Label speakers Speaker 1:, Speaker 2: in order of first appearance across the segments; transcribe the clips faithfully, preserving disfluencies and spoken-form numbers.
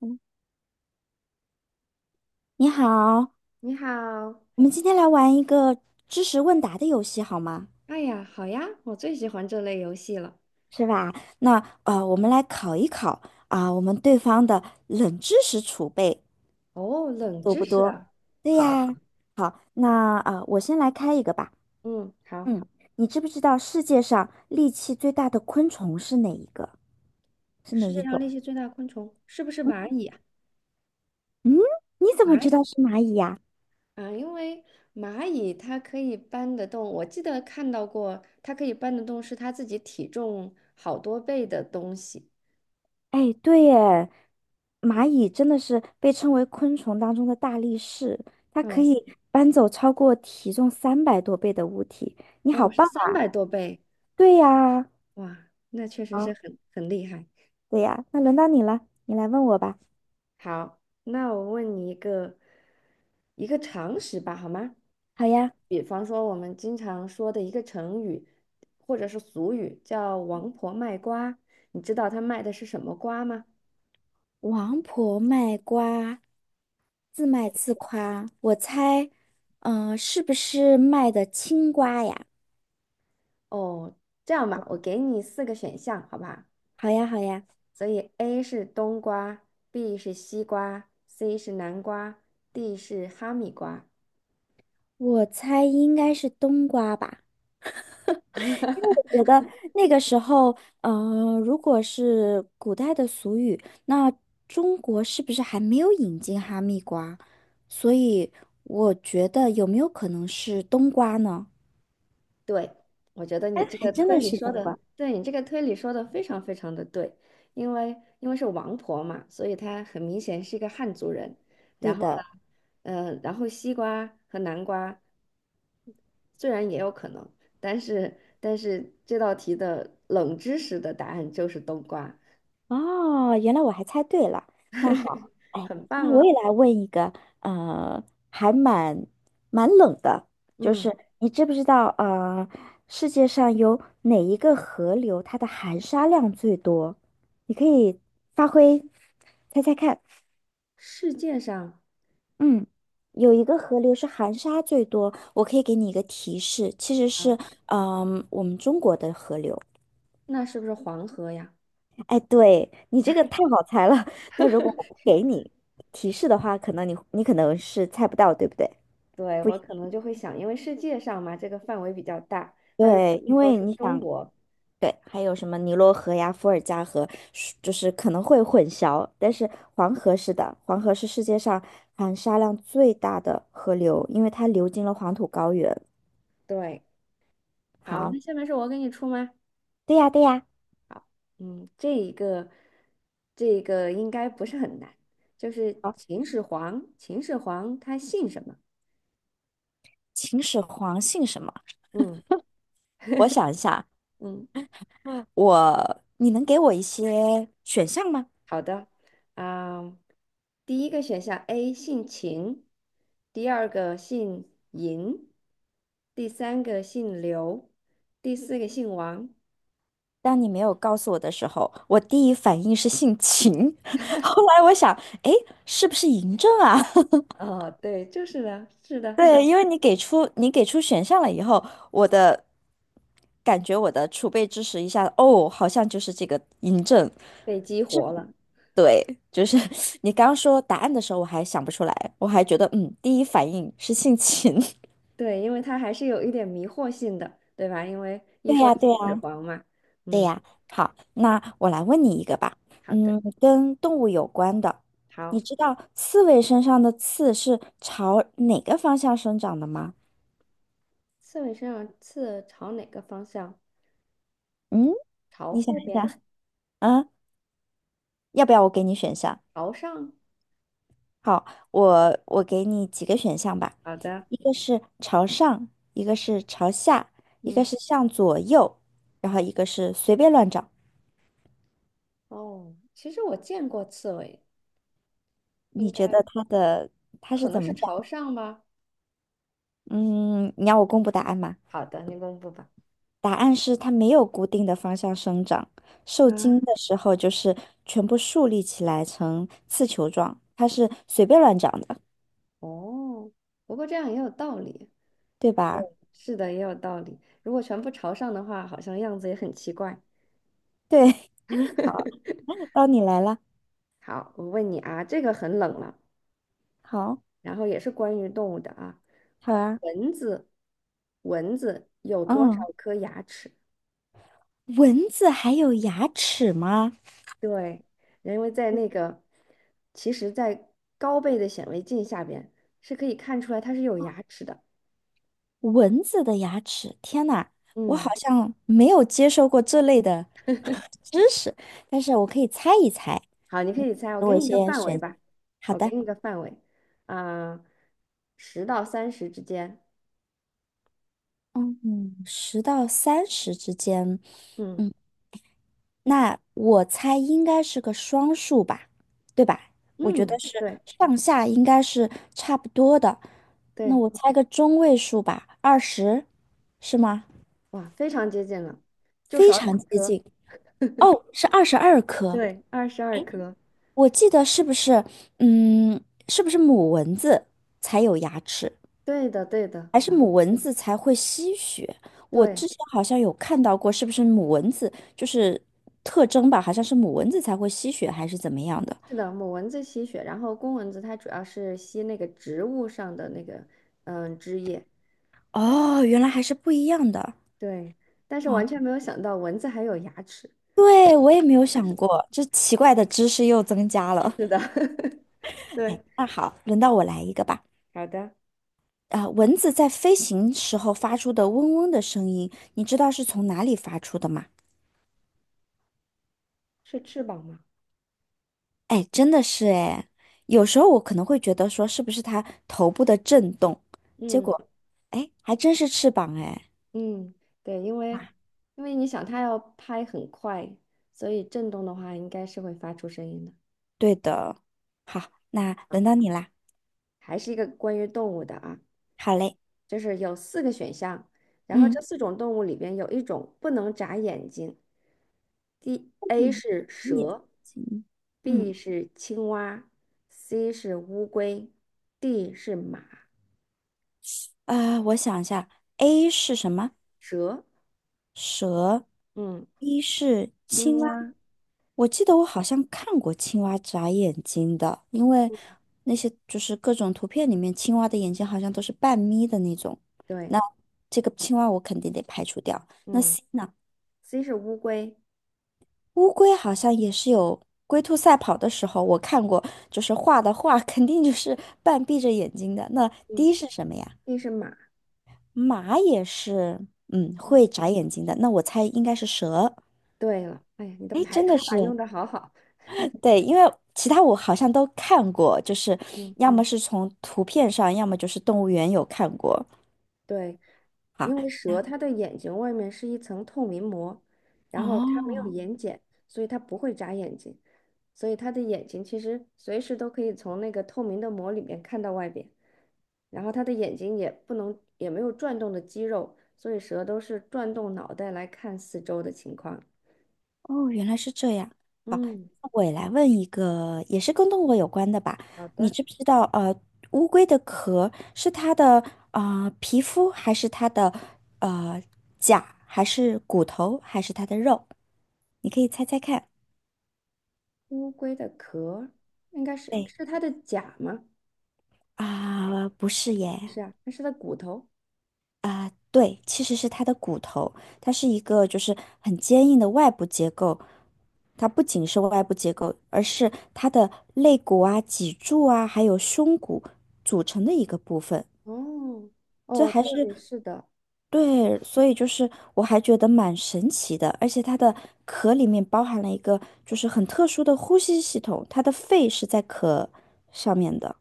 Speaker 1: 嗯，你好，
Speaker 2: 你好，
Speaker 1: 我们今天来玩一个知识问答的游戏，好吗？
Speaker 2: 哎呀，好呀，我最喜欢这类游戏了。
Speaker 1: 是吧？那呃，我们来考一考啊、我们对方的冷知识储备
Speaker 2: 哦，冷
Speaker 1: 多
Speaker 2: 知
Speaker 1: 不
Speaker 2: 识
Speaker 1: 多？
Speaker 2: 啊，
Speaker 1: 对
Speaker 2: 好，
Speaker 1: 呀。好，那呃，我先来开一个吧。
Speaker 2: 嗯，好。
Speaker 1: 嗯，你知不知道世界上力气最大的昆虫是哪一个？是哪
Speaker 2: 世界
Speaker 1: 一
Speaker 2: 上
Speaker 1: 种？
Speaker 2: 力气最大的昆虫是不是蚂蚁啊？
Speaker 1: 嗯，你怎么
Speaker 2: 蚂蚁
Speaker 1: 知道是蚂蚁呀、
Speaker 2: 啊，因为蚂蚁它可以搬得动，我记得看到过，它可以搬得动是它自己体重好多倍的东西。
Speaker 1: 哎，对耶，蚂蚁真的是被称为昆虫当中的大力士，它可
Speaker 2: 哦，
Speaker 1: 以搬走超过体重三百多倍的物体。你好
Speaker 2: 哦，是
Speaker 1: 棒
Speaker 2: 三
Speaker 1: 啊！
Speaker 2: 百多倍，
Speaker 1: 对呀，
Speaker 2: 哇，那确实是
Speaker 1: 好，
Speaker 2: 很很厉害。
Speaker 1: 对呀，那轮到你了，你来问我吧。
Speaker 2: 好，那我问你一个一个常识吧，好吗？
Speaker 1: 好呀，
Speaker 2: 比方说我们经常说的一个成语，或者是俗语，叫"王婆卖瓜"，你知道她卖的是什么瓜吗？
Speaker 1: 王婆卖瓜，自卖自夸，我猜，嗯、是不是卖的青瓜呀？
Speaker 2: 哦，这样吧，我给你四个选项，好吧？
Speaker 1: 好呀，好呀，
Speaker 2: 所以 A 是冬瓜，B 是西瓜，C 是南瓜，D 是哈密瓜。
Speaker 1: 我猜应该是冬瓜吧。觉得那个时候，呃，如果是古代的俗语，那中国是不是还没有引进哈密瓜？所以我觉得有没有可能是冬瓜呢？
Speaker 2: 对，我觉得你这
Speaker 1: 还
Speaker 2: 个
Speaker 1: 真
Speaker 2: 推
Speaker 1: 的
Speaker 2: 理
Speaker 1: 是
Speaker 2: 说
Speaker 1: 冬
Speaker 2: 的，
Speaker 1: 瓜，
Speaker 2: 对你这个推理说的非常非常的对，因为因为是王婆嘛，所以她很明显是一个汉族人。然
Speaker 1: 对
Speaker 2: 后
Speaker 1: 的。
Speaker 2: 呢，呃，然后西瓜和南瓜虽然也有可能，但是但是这道题的冷知识的答案就是冬瓜，
Speaker 1: 哦，原来我还猜对了。那好，哎，
Speaker 2: 很棒
Speaker 1: 那
Speaker 2: 哦。
Speaker 1: 我也来问一个，呃，还蛮蛮冷的，就
Speaker 2: 嗯，
Speaker 1: 是你知不知道，呃，世界上有哪一个河流它的含沙量最多？你可以发挥，猜猜看。
Speaker 2: 世界上
Speaker 1: 嗯，有一个河流是含沙最多，我可以给你一个提示，其实
Speaker 2: 啊，
Speaker 1: 是，嗯、我们中国的河流。
Speaker 2: 那是不是黄河呀？
Speaker 1: 哎，对，你这个太好猜了。那如果我不给你提示的话，可能你你可能是猜不到，对不对？
Speaker 2: 对，
Speaker 1: 不
Speaker 2: 我可
Speaker 1: 一，
Speaker 2: 能就会想，因为世界上嘛，这个范围比较大，但是
Speaker 1: 对，因
Speaker 2: 说
Speaker 1: 为
Speaker 2: 是
Speaker 1: 你
Speaker 2: 中
Speaker 1: 想，
Speaker 2: 国，
Speaker 1: 对，还有什么尼罗河呀、伏尔加河，是就是可能会混淆。但是黄河是的，黄河是世界上含沙量最大的河流，因为它流经了黄土高原。
Speaker 2: 对。好，
Speaker 1: 好，
Speaker 2: 那下面是我给你出吗？
Speaker 1: 对呀，对呀。
Speaker 2: 嗯，这一个，这一个应该不是很难，就是
Speaker 1: 好，
Speaker 2: 秦始皇，秦始皇他姓什么？
Speaker 1: 秦始皇姓什么？
Speaker 2: 嗯
Speaker 1: 我想一下，
Speaker 2: 嗯，
Speaker 1: 我，你能给我一些选项吗？
Speaker 2: 好的，啊、第一个选项 A 姓秦，第二个姓嬴，第三个姓刘，第四个姓王。
Speaker 1: 当你没有告诉我的时候，我第一反应是姓秦，后来我想，哎，是不是嬴政啊？
Speaker 2: 哦，对，就是的，是 的，是
Speaker 1: 对，
Speaker 2: 的
Speaker 1: 因为你给出你给出选项了以后，我的感觉我的储备知识一下，哦，好像就是这个嬴政。
Speaker 2: 被激活了。
Speaker 1: 对，就是 你刚说答案的时候，我还想不出来，我还觉得嗯，第一反应是姓秦。
Speaker 2: 对，因为它还是有一点迷惑性的，对吧？因为 一
Speaker 1: 对
Speaker 2: 说
Speaker 1: 呀，
Speaker 2: 秦
Speaker 1: 对
Speaker 2: 始
Speaker 1: 呀。
Speaker 2: 皇嘛，
Speaker 1: 对
Speaker 2: 嗯，
Speaker 1: 呀，好，那我来问你一个吧，
Speaker 2: 好的，
Speaker 1: 嗯，跟动物有关的，你
Speaker 2: 好。
Speaker 1: 知道刺猬身上的刺是朝哪个方向生长的吗？
Speaker 2: 刺猬身上刺朝哪个方向？
Speaker 1: 嗯，
Speaker 2: 朝
Speaker 1: 你想
Speaker 2: 后
Speaker 1: 一
Speaker 2: 边，
Speaker 1: 想 啊，要不要我给你选项？
Speaker 2: 朝上。
Speaker 1: 好，我我给你几个选项吧，
Speaker 2: 好的，
Speaker 1: 一个是朝上，一个是朝下，一个
Speaker 2: 嗯，
Speaker 1: 是向左右，然后一个是随便乱找。
Speaker 2: 哦，其实我见过刺猬，应
Speaker 1: 你觉
Speaker 2: 该
Speaker 1: 得它的它
Speaker 2: 可
Speaker 1: 是
Speaker 2: 能
Speaker 1: 怎
Speaker 2: 是
Speaker 1: 么
Speaker 2: 朝
Speaker 1: 长？
Speaker 2: 上吧。
Speaker 1: 嗯，你要我公布答案吗？
Speaker 2: 好的，你公布吧。
Speaker 1: 答案是它没有固定的方向生长，受
Speaker 2: 啊，
Speaker 1: 精的时候就是全部竖立起来成刺球状，它是随便乱长的，
Speaker 2: 哦，不过这样也有道理。
Speaker 1: 对
Speaker 2: 对，
Speaker 1: 吧？
Speaker 2: 是的，也有道理。如果全部朝上的话，好像样子也很奇怪。
Speaker 1: 对，好，到你来了，
Speaker 2: 好，我问你啊，这个很冷了。
Speaker 1: 好，
Speaker 2: 然后也是关于动物的啊。
Speaker 1: 好啊，
Speaker 2: 蚊子，蚊子有多少
Speaker 1: 嗯，
Speaker 2: 颗牙齿？
Speaker 1: 蚊子还有牙齿吗？
Speaker 2: 对，因为在那个，其实，在高倍的显微镜下边是可以看出来它是有牙齿的。
Speaker 1: 蚊子的牙齿，天呐，我好
Speaker 2: 嗯，
Speaker 1: 像没有接受过这类的知识，但是我可以猜一猜，
Speaker 2: 好，你可
Speaker 1: 你
Speaker 2: 以猜，我
Speaker 1: 给
Speaker 2: 给
Speaker 1: 我一
Speaker 2: 你一个
Speaker 1: 些
Speaker 2: 范围
Speaker 1: 选，
Speaker 2: 吧，
Speaker 1: 好
Speaker 2: 我给
Speaker 1: 的。
Speaker 2: 你一个范围，啊、十到三十之间。
Speaker 1: 嗯嗯，十到三十之间，
Speaker 2: 嗯
Speaker 1: 嗯，那我猜应该是个双数吧，对吧？我觉
Speaker 2: 嗯，
Speaker 1: 得是
Speaker 2: 对
Speaker 1: 上下应该是差不多的。那
Speaker 2: 对，
Speaker 1: 我猜个中位数吧，二十，是吗？
Speaker 2: 哇，非常接近了，就
Speaker 1: 非
Speaker 2: 少
Speaker 1: 常
Speaker 2: 两
Speaker 1: 接
Speaker 2: 颗。
Speaker 1: 近。哦，是二十二颗。
Speaker 2: 对，二十二颗。
Speaker 1: 我记得是不是，嗯，是不是母蚊子才有牙齿，
Speaker 2: 对的，对的，
Speaker 1: 还是母蚊子才会吸血？我
Speaker 2: 对。
Speaker 1: 之前好像有看到过，是不是母蚊子就是特征吧？好像是母蚊子才会吸血，还是怎么样的？
Speaker 2: 是的，母蚊子吸血，然后公蚊子它主要是吸那个植物上的那个嗯汁液。
Speaker 1: 哦，原来还是不一样的。
Speaker 2: 对，但是
Speaker 1: 哦，
Speaker 2: 完全没有想到蚊子还有牙齿。
Speaker 1: 对，我也没有想过，这奇怪的知识又增加了。
Speaker 2: 是的，
Speaker 1: 哎，
Speaker 2: 对，
Speaker 1: 那好，轮到我来一个吧。
Speaker 2: 好的，
Speaker 1: 啊、蚊子在飞行时候发出的嗡嗡的声音，你知道是从哪里发出的吗？
Speaker 2: 是翅膀吗？
Speaker 1: 哎，真的是哎，有时候我可能会觉得说是不是它头部的震动，结
Speaker 2: 嗯
Speaker 1: 果，哎，还真是翅膀哎。
Speaker 2: 嗯，对，因为
Speaker 1: 啊，
Speaker 2: 因为你想它要拍很快，所以震动的话应该是会发出声音的。
Speaker 1: 对的。好，那轮到你啦。
Speaker 2: 还是一个关于动物的啊，
Speaker 1: 好嘞，
Speaker 2: 就是有四个选项，然后
Speaker 1: 嗯，
Speaker 2: 这四种动物里边有一种不能眨眼睛。D A
Speaker 1: 嗯，
Speaker 2: 是
Speaker 1: 也
Speaker 2: 蛇
Speaker 1: 行，嗯。
Speaker 2: ，B 是青蛙，C 是乌龟，D 是马。
Speaker 1: 啊、我想一下，A 是什么？
Speaker 2: 蛇，
Speaker 1: 蛇
Speaker 2: 嗯，
Speaker 1: ，B 是青
Speaker 2: 青
Speaker 1: 蛙。
Speaker 2: 蛙，嗯
Speaker 1: 我记得我好像看过青蛙眨眼睛的，因为那些就是各种图片里面青蛙的眼睛好像都是半眯的那种。
Speaker 2: 对，
Speaker 1: 那这个青蛙我肯定得排除掉。那
Speaker 2: 嗯
Speaker 1: C 呢？
Speaker 2: ，C 是乌龟，
Speaker 1: 乌龟好像也是有龟兔赛跑的时候我看过，就是画的画 肯定就是半闭着眼睛的。那
Speaker 2: 嗯
Speaker 1: D 是什么呀？
Speaker 2: ，D 是马。
Speaker 1: 马也是，嗯，
Speaker 2: 嗯，
Speaker 1: 会眨眼睛的。那我猜应该是蛇。
Speaker 2: 对了，哎呀，你的
Speaker 1: 哎，
Speaker 2: 排
Speaker 1: 真的
Speaker 2: 除法
Speaker 1: 是，
Speaker 2: 用的好好。
Speaker 1: 对，因为其他我好像都看过，就是
Speaker 2: 嗯。
Speaker 1: 要么是从图片上，要么就是动物园有看过。
Speaker 2: 对，
Speaker 1: 好，
Speaker 2: 因为
Speaker 1: 那
Speaker 2: 蛇它的眼睛外面是一层透明膜，然后它没有
Speaker 1: 哦，
Speaker 2: 眼睑，所以它不会眨眼睛，所以它的眼睛其实随时都可以从那个透明的膜里面看到外边，然后它的眼睛也不能也没有转动的肌肉，所以蛇都是转动脑袋来看四周的情况。
Speaker 1: 哦，原来是这样。
Speaker 2: 嗯，
Speaker 1: 我也来问一个，也是跟动物有关的吧？
Speaker 2: 好
Speaker 1: 你
Speaker 2: 的。
Speaker 1: 知不知道，呃，乌龟的壳是它的啊、呃皮肤，还是它的呃甲，还是骨头，还是它的肉？你可以猜猜看。
Speaker 2: 乌龟的壳应该是
Speaker 1: 对。
Speaker 2: 是它的甲吗？
Speaker 1: 啊，不是
Speaker 2: 不
Speaker 1: 耶，
Speaker 2: 是啊，那是它骨头。
Speaker 1: 对，其实是它的骨头，它是一个就是很坚硬的外部结构，它不仅是外部结构，而是它的肋骨啊、脊柱啊，还有胸骨组成的一个部分。
Speaker 2: 哦
Speaker 1: 这
Speaker 2: 哦，
Speaker 1: 还
Speaker 2: 对，
Speaker 1: 是
Speaker 2: 是的。
Speaker 1: 对，所以就是我还觉得蛮神奇的，而且它的壳里面包含了一个就是很特殊的呼吸系统，它的肺是在壳上面的。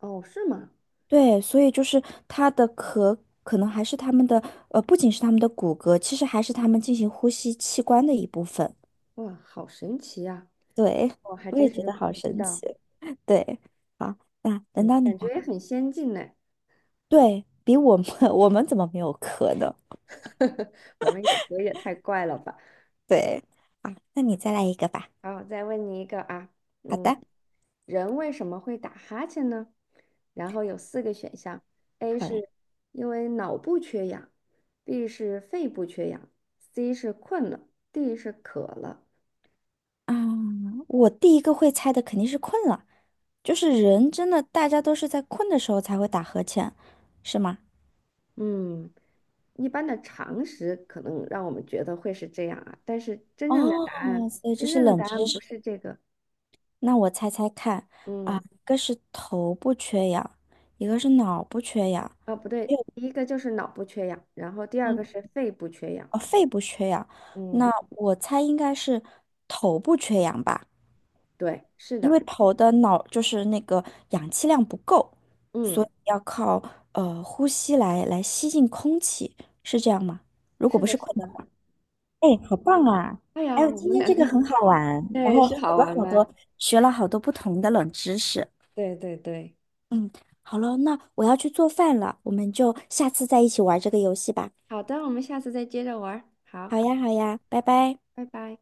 Speaker 2: 哦，是吗？
Speaker 1: 对，所以就是它的壳可能还是它们的，呃，不仅是它们的骨骼，其实还是它们进行呼吸器官的一部分。
Speaker 2: 哇，好神奇呀、
Speaker 1: 对，
Speaker 2: 我还
Speaker 1: 我也
Speaker 2: 真
Speaker 1: 觉
Speaker 2: 是
Speaker 1: 得好
Speaker 2: 不知
Speaker 1: 神
Speaker 2: 道，
Speaker 1: 奇。对，好，那轮
Speaker 2: 感
Speaker 1: 到你
Speaker 2: 感觉
Speaker 1: 了。
Speaker 2: 也很先进呢。
Speaker 1: 对，比我们 我们怎么没有壳呢？
Speaker 2: 我们有时候也太怪了吧？
Speaker 1: 对，啊，那你再来一个吧。
Speaker 2: 好，再问你一个啊，
Speaker 1: 好
Speaker 2: 嗯，
Speaker 1: 的，
Speaker 2: 人为什么会打哈欠呢？然后有四个选项：A
Speaker 1: 好嘞。
Speaker 2: 是因为脑部缺氧，B 是肺部缺氧，C 是困了，D 是渴了。
Speaker 1: 啊，我第一个会猜的肯定是困了，就是人真的大家都是在困的时候才会打呵欠，是吗？
Speaker 2: 嗯，一般的常识可能让我们觉得会是这样啊，但是真正的
Speaker 1: 哦，
Speaker 2: 答案，
Speaker 1: 所以这
Speaker 2: 真
Speaker 1: 是
Speaker 2: 正的
Speaker 1: 冷
Speaker 2: 答
Speaker 1: 知
Speaker 2: 案不
Speaker 1: 识。
Speaker 2: 是这个。
Speaker 1: 那我猜猜看啊，
Speaker 2: 嗯
Speaker 1: 一个是头部缺氧，一个是脑部缺氧，
Speaker 2: 哦，不对，
Speaker 1: 还有
Speaker 2: 第一个就是脑部缺氧，然后第二
Speaker 1: 嗯，
Speaker 2: 个是肺部缺氧。
Speaker 1: 呃肺部缺氧。
Speaker 2: 嗯，
Speaker 1: 那我猜应该是头部缺氧吧，
Speaker 2: 对，是
Speaker 1: 因为
Speaker 2: 的，
Speaker 1: 头的脑就是那个氧气量不够，所
Speaker 2: 嗯，
Speaker 1: 以要靠呃呼吸来来吸进空气，是这样吗？如果
Speaker 2: 是
Speaker 1: 不
Speaker 2: 的，
Speaker 1: 是困
Speaker 2: 是
Speaker 1: 的
Speaker 2: 的。
Speaker 1: 话，哎，好棒啊！
Speaker 2: 哎呀，
Speaker 1: 哎，
Speaker 2: 我
Speaker 1: 今
Speaker 2: 们
Speaker 1: 天
Speaker 2: 两
Speaker 1: 这
Speaker 2: 个
Speaker 1: 个很好玩。然
Speaker 2: 对
Speaker 1: 后
Speaker 2: 是
Speaker 1: 好
Speaker 2: 好
Speaker 1: 多
Speaker 2: 玩
Speaker 1: 好
Speaker 2: 吧？
Speaker 1: 多学了好多不同的冷知识。
Speaker 2: 对对对，
Speaker 1: 嗯，好了，那我要去做饭了，我们就下次再一起玩这个游戏吧。
Speaker 2: 好的，我们下次再接着玩儿
Speaker 1: 好
Speaker 2: 好，
Speaker 1: 呀，好呀，拜拜。
Speaker 2: 拜拜。